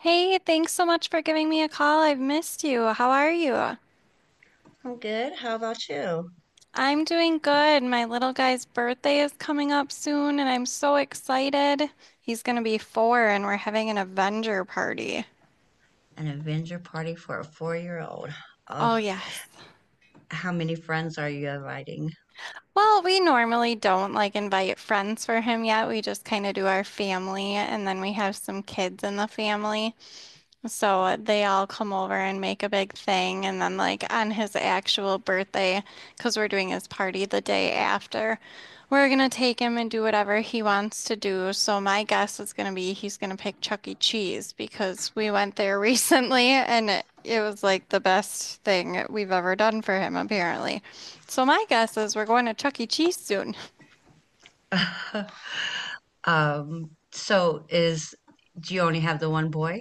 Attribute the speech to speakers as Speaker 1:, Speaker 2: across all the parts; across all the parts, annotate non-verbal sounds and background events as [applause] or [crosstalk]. Speaker 1: Hey, thanks so much for giving me a call. I've missed you. How are you?
Speaker 2: I'm good. How about you?
Speaker 1: I'm doing good. My little guy's birthday is coming up soon, and I'm so excited. He's going to be four, and we're having an Avenger party.
Speaker 2: An Avenger party for a four-year-old.
Speaker 1: Oh,
Speaker 2: Oh,
Speaker 1: yes.
Speaker 2: how many friends are you inviting?
Speaker 1: Well, we normally don't like invite friends for him yet. We just kind of do our family, and then we have some kids in the family. So they all come over and make a big thing. And then, like, on his actual birthday, because we're doing his party the day after, we're going to take him and do whatever he wants to do. So, my guess is going to be he's going to pick Chuck E. Cheese because we went there [laughs] recently and it was like the best thing we've ever done for him, apparently. So, my guess is we're going to Chuck E. Cheese soon.
Speaker 2: [laughs] So is do you only have the one boy?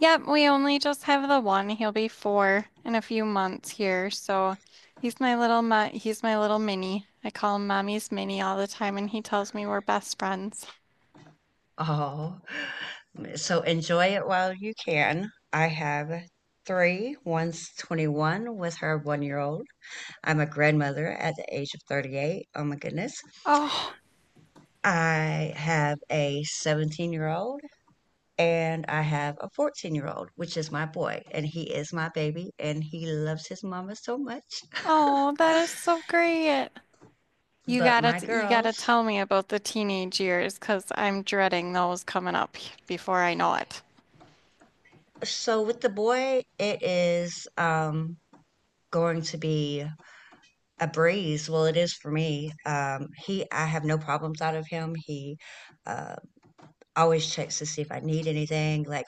Speaker 1: Yep, we only just have the one. He'll be four in a few months here, so he's my little mini. I call him Mommy's Mini all the time, and he tells me we're best friends.
Speaker 2: Oh, so enjoy it while you can. I have three. One's 21 with her one-year-old. I'm a grandmother at the age of 38. Oh my goodness.
Speaker 1: Oh,
Speaker 2: I have a 17-year-old and I have a 14-year-old, which is my boy, and he is my baby, and he loves his mama so much.
Speaker 1: oh,
Speaker 2: [laughs]
Speaker 1: that is so great.
Speaker 2: But my
Speaker 1: You gotta
Speaker 2: girls.
Speaker 1: tell me about the teenage years, 'cause I'm dreading those coming up before I know it.
Speaker 2: So with the boy, it is going to be a breeze. Well, it is for me. He, I have no problems out of him. He uh, always checks to see if I need anything. Like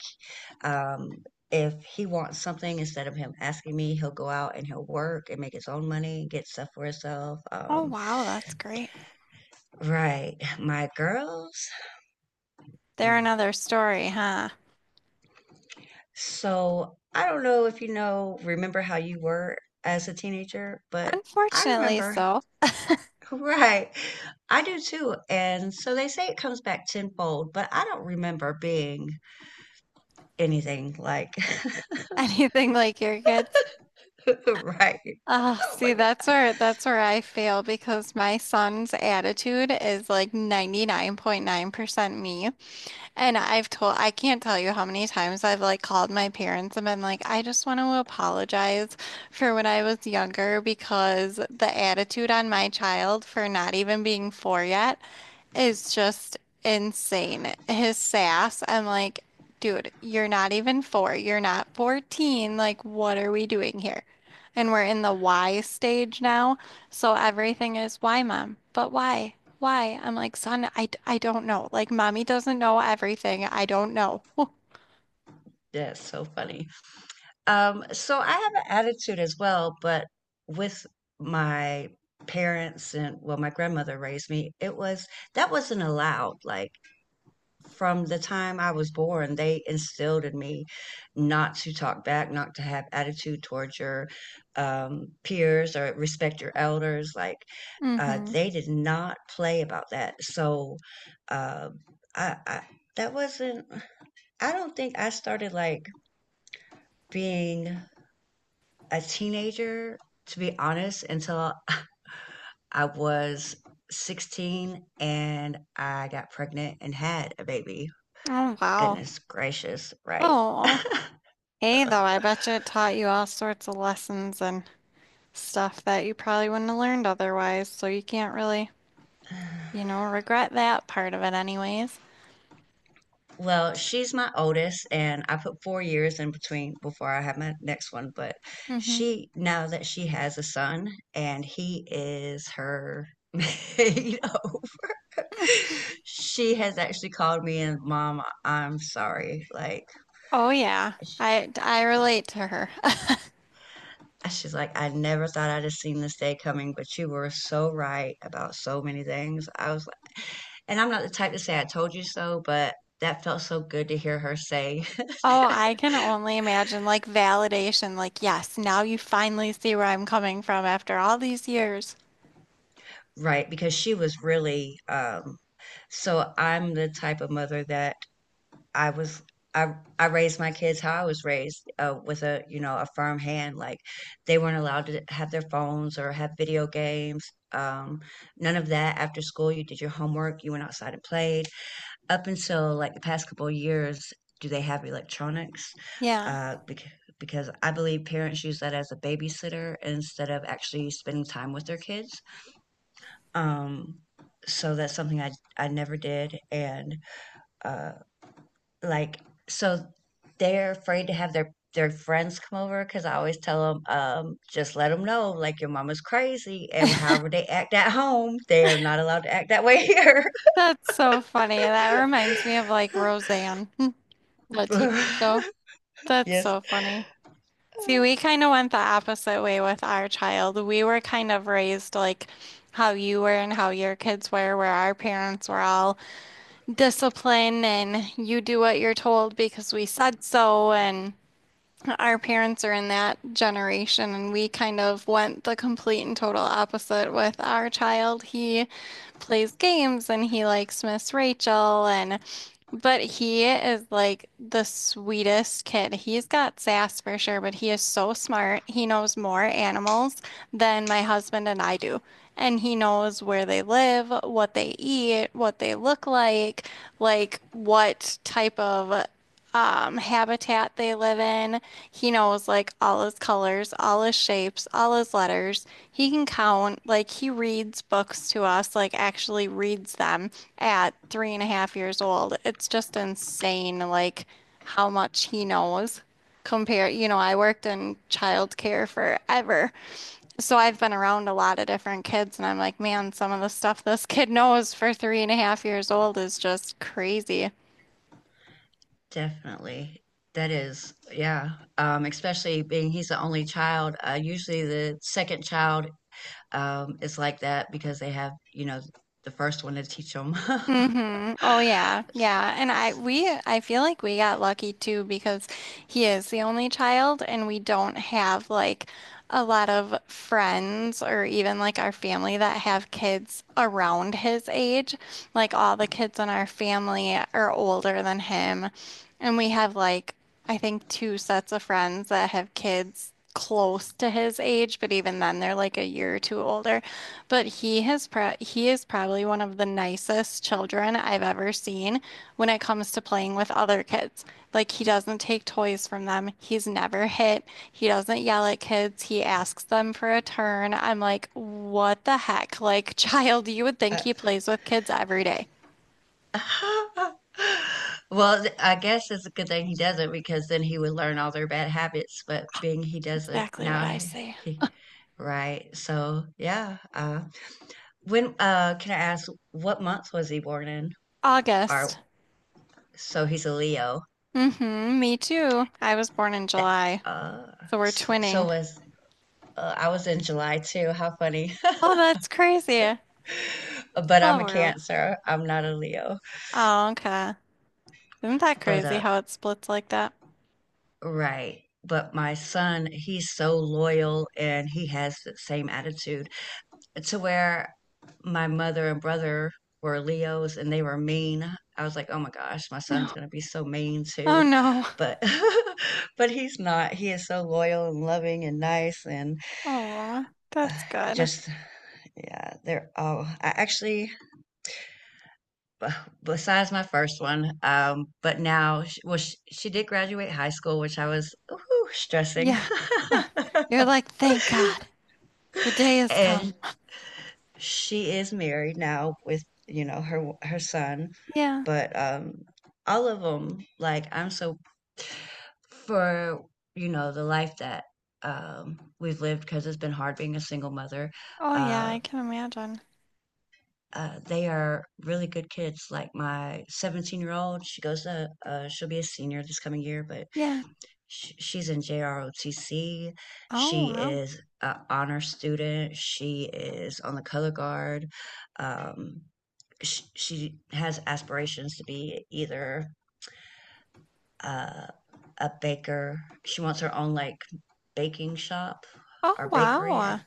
Speaker 2: Um, if he wants something, instead of him asking me, he'll go out and he'll work and make his own money, get stuff for himself.
Speaker 1: Oh, wow, that's great.
Speaker 2: Right. [laughs] My girls.
Speaker 1: They're
Speaker 2: Mm.
Speaker 1: another story, huh?
Speaker 2: So I don't know if you know, remember how you were as a teenager, but I
Speaker 1: Unfortunately,
Speaker 2: remember,
Speaker 1: so.
Speaker 2: [laughs] right. I do too. And so they say it comes back tenfold, but I don't remember being anything like,
Speaker 1: [laughs] Anything like your kids?
Speaker 2: [laughs] right.
Speaker 1: Ah,
Speaker 2: Oh
Speaker 1: see,
Speaker 2: my
Speaker 1: that's
Speaker 2: God.
Speaker 1: where that's where I fail because my son's attitude is like 99.9% me. And I've told I can't tell you how many times I've like called my parents and been like, I just want to apologize for when I was younger because the attitude on my child for not even being four yet is just insane. His sass, I'm like, dude, you're not even four. You're not 14. Like, what are we doing here? And we're in the why stage now. So everything is why, mom? But why? Why? I'm like, son, I don't know. Like, mommy doesn't know everything. I don't know. [laughs]
Speaker 2: That's so funny. So I have an attitude as well, but with my parents and well, my grandmother raised me, it was that wasn't allowed. Like from the time I was born, they instilled in me not to talk back, not to have attitude towards your peers or respect your elders. Like
Speaker 1: Mm-hmm.
Speaker 2: they did not play about that. So uh, I that wasn't. I don't think I started like being a teenager, to be honest, until [laughs] I was 16 and I got pregnant and had a baby.
Speaker 1: Oh, wow.
Speaker 2: Goodness gracious, right.
Speaker 1: Oh, hey, though, I bet you it taught you all sorts of lessons and stuff that you probably wouldn't have learned otherwise. So you can't really, you
Speaker 2: [sighs]
Speaker 1: know, regret that part of it anyways.
Speaker 2: Well, she's my oldest, and I put 4 years in between before I had my next one. But
Speaker 1: Hmm.
Speaker 2: she, now that she has a son and he is her, [laughs] you know, [laughs] she has actually called me and, Mom, I'm sorry. Like,
Speaker 1: Oh yeah.
Speaker 2: she,
Speaker 1: I
Speaker 2: she,
Speaker 1: relate to her. [laughs]
Speaker 2: she's like, I never thought I'd have seen this day coming, but you were so right about so many things. I was like, and I'm not the type to say I told you so, but that felt so good to hear her say,
Speaker 1: Oh,
Speaker 2: [laughs]
Speaker 1: I can only imagine, like validation, like yes, now you finally see where I'm coming from after all these years.
Speaker 2: right? Because she was really, so I'm the type of mother that I was, I, I raised my kids how I was raised, with a, you know, a firm hand. Like they weren't allowed to have their phones or have video games. Um, None of that after school. You did your homework, you went outside and played up until like the past couple of years, do they have electronics?
Speaker 1: Yeah.
Speaker 2: Uh, because because I believe parents use that as a babysitter instead of actually spending time with their kids. Um, so that's something I never did, and uh, like so they're afraid to have their friends come over because I always tell them, just let them know like your mama's crazy, and however they act at home, they are not allowed to act that way here.
Speaker 1: That's so funny. That reminds me of like Roseanne, [laughs] the TV show.
Speaker 2: [laughs] [laughs]
Speaker 1: That's
Speaker 2: Yes,
Speaker 1: so funny. See, we kind of went the opposite way with our child. We were kind of raised like how you were and how your kids were, where our parents were all discipline and you do what you're told because we said so, and our parents are in that generation and we kind of went the complete and total opposite with our child. He plays games and he likes Miss Rachel, and but he is like the sweetest kid. He's got sass for sure, but he is so smart. He knows more animals than my husband and I do. And he knows where they live, what they eat, what they look like what type of habitat they live in. He knows like all his colors, all his shapes, all his letters. He can count, like he reads books to us, like actually reads them at three and a half years old. It's just insane, like how much he knows. Compare, you know, I worked in childcare forever. So I've been around a lot of different kids, and I'm like, man, some of the stuff this kid knows for three and a half years old is just crazy.
Speaker 2: definitely. That is, yeah. Especially being he's the only child. Usually the second child is like that because they have, you know, the first one to teach them. [laughs]
Speaker 1: Mm-hmm. Oh yeah. Yeah. And I we I feel like we got lucky too because he is the only child and we don't have like a lot of friends or even like our family that have kids around his age. Like all the kids in our family are older than him and we have like I think two sets of friends that have kids close to his age, but even then they're like a year or two older. But he has pro He is probably one of the nicest children I've ever seen when it comes to playing with other kids. Like he doesn't take toys from them. He's never hit. He doesn't yell at kids. He asks them for a turn. I'm like, what the heck? Like, [laughs] child, you would think
Speaker 2: Uh,
Speaker 1: he plays with kids every day.
Speaker 2: [laughs] well, I guess it's a good thing he doesn't because then he would learn all their bad habits. But being he doesn't
Speaker 1: Exactly what
Speaker 2: now,
Speaker 1: I say.
Speaker 2: he. Right. So, yeah. When can I ask what month was he born in?
Speaker 1: August.
Speaker 2: Or so he's a Leo.
Speaker 1: Mm-hmm, me too. I was born in
Speaker 2: That
Speaker 1: July,
Speaker 2: uh,
Speaker 1: so we're
Speaker 2: so, so
Speaker 1: twinning.
Speaker 2: was I was in July too. How funny. [laughs]
Speaker 1: Oh, that's crazy.
Speaker 2: But
Speaker 1: Small
Speaker 2: I'm a
Speaker 1: world.
Speaker 2: Cancer. I'm not a Leo.
Speaker 1: Oh, okay. Isn't that
Speaker 2: But
Speaker 1: crazy how it splits like that?
Speaker 2: right. But my son, he's so loyal and he has the same attitude, to where my mother and brother were Leos and they were mean. I was like, oh my gosh, my son's
Speaker 1: No.
Speaker 2: gonna be so mean
Speaker 1: Oh
Speaker 2: too.
Speaker 1: no.
Speaker 2: But [laughs] but he's not. He is so loyal and loving and nice and
Speaker 1: Oh, that's
Speaker 2: uh,
Speaker 1: good.
Speaker 2: just yeah, they're all I actually b- besides my first one, but now well she did graduate high school, which I was ooh, stressing.
Speaker 1: Yeah. Ugh, you're
Speaker 2: [laughs]
Speaker 1: like, thank God, the day has come.
Speaker 2: And she is married now with, you know, her son,
Speaker 1: Yeah.
Speaker 2: but, all of them like, I'm so for, you know, the life that, we've lived because 'cause it's been hard being a single mother,
Speaker 1: Oh yeah,
Speaker 2: uh,
Speaker 1: I can imagine.
Speaker 2: they are really good kids, like, my 17-year-old, she goes to, she'll be a senior this coming year, but
Speaker 1: Yeah.
Speaker 2: she's in JROTC.
Speaker 1: Oh
Speaker 2: She
Speaker 1: wow.
Speaker 2: is an honor student. She is on the color guard. Um, she has aspirations to be either uh, a baker. She wants her own like baking shop
Speaker 1: Oh
Speaker 2: or bakery, I,
Speaker 1: wow.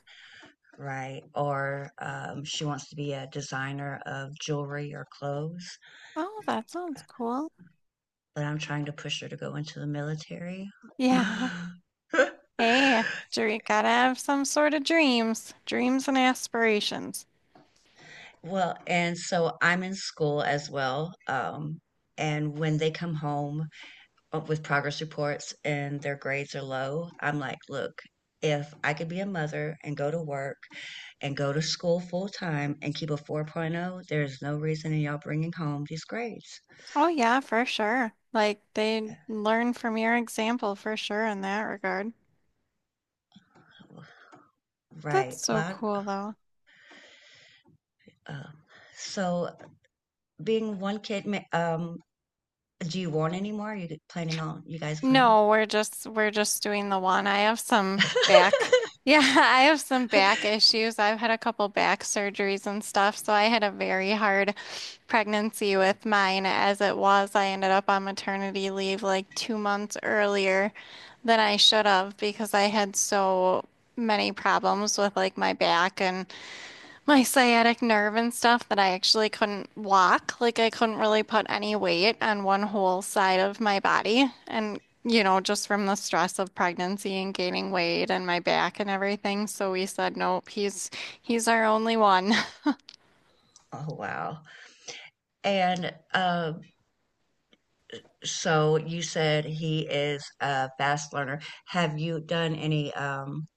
Speaker 2: right? Or she wants to be a designer of jewelry or clothes.
Speaker 1: Oh, that sounds cool.
Speaker 2: But I'm trying to push her to go into the military.
Speaker 1: Yeah. Hey,
Speaker 2: [laughs]
Speaker 1: dream, gotta have some sort of dreams, dreams and aspirations.
Speaker 2: Well, and so I'm in school as well. And when they come home with progress reports and their grades are low, I'm like, look, if I could be a mother and go to work and go to school full time and keep a 4.0, there's no reason in y'all bringing home these grades.
Speaker 1: Oh yeah, for sure. Like they learn from your example for sure in that regard. That's
Speaker 2: Right.
Speaker 1: so
Speaker 2: Well,
Speaker 1: cool though.
Speaker 2: I- uh, so being one kid, do you want any more? Are you planning on, you guys planning?
Speaker 1: No, we're just doing the one. I have some back.
Speaker 2: [laughs]
Speaker 1: Yeah, [laughs] I have some back issues. I've had a couple back surgeries and stuff, so I had a very hard pregnancy with mine as it was. I ended up on maternity leave like 2 months earlier than I should have because I had so many problems with like my back and my sciatic nerve and stuff that I actually couldn't walk. Like I couldn't really put any weight on one whole side of my body. And, you know, just from the stress of pregnancy and gaining weight and my back and everything. So we said, nope, he's our only one. [laughs]
Speaker 2: Oh, wow. And so you said he is a fast learner. Have you done any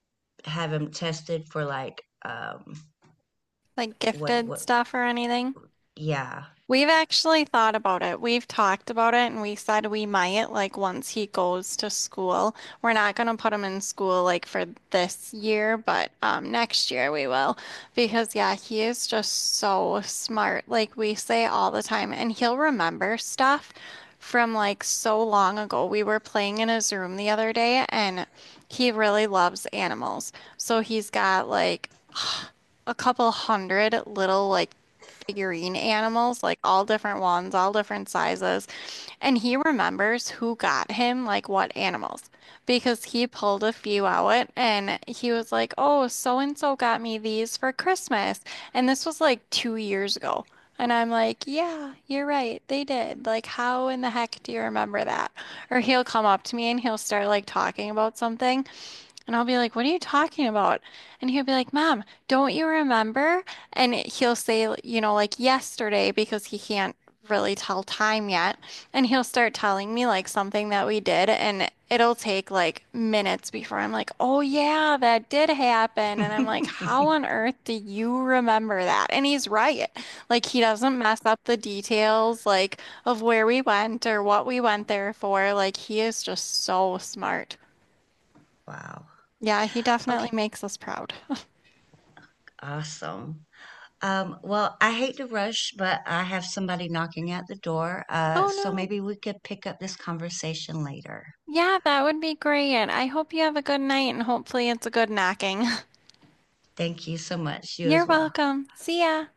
Speaker 2: have him tested for like
Speaker 1: Like gifted
Speaker 2: what
Speaker 1: stuff or anything.
Speaker 2: yeah. [laughs]
Speaker 1: We've actually thought about it. We've talked about it and we said we might, like, once he goes to school. We're not going to put him in school like for this year, but next year we will. Because yeah, he is just so smart. Like we say all the time and he'll remember stuff from like so long ago. We were playing in his room the other day and he really loves animals. So he's got like a couple 100 little like figurine animals, like all different ones, all different sizes. And he remembers who got him, like what animals, because he pulled a few out and he was like, oh, so and so got me these for Christmas. And this was like 2 years ago. And I'm like, yeah, you're right. They did. Like, how in the heck do you remember that? Or he'll come up to me and he'll start like talking about something. And I'll be like, what are you talking about? And he'll be like, Mom, don't you remember? And he'll say, you know, like yesterday, because he can't really tell time yet. And he'll start telling me like something that we did. And it'll take like minutes before I'm like, oh, yeah, that did happen. And I'm like, how on earth do you remember that? And he's right. Like, he doesn't mess up the details, like, of where we went or what we went there for. Like, he is just so smart.
Speaker 2: Wow.
Speaker 1: Yeah, he definitely
Speaker 2: Okay,
Speaker 1: makes us proud. [laughs]
Speaker 2: awesome. Well, I hate to rush, but I have somebody knocking at the door.
Speaker 1: Oh
Speaker 2: So
Speaker 1: no.
Speaker 2: maybe we could pick up this conversation later.
Speaker 1: Yeah, that would be great. I hope you have a good night and hopefully it's a good knocking. [laughs]
Speaker 2: Thank you so much. You
Speaker 1: You're
Speaker 2: as well.
Speaker 1: welcome. See ya.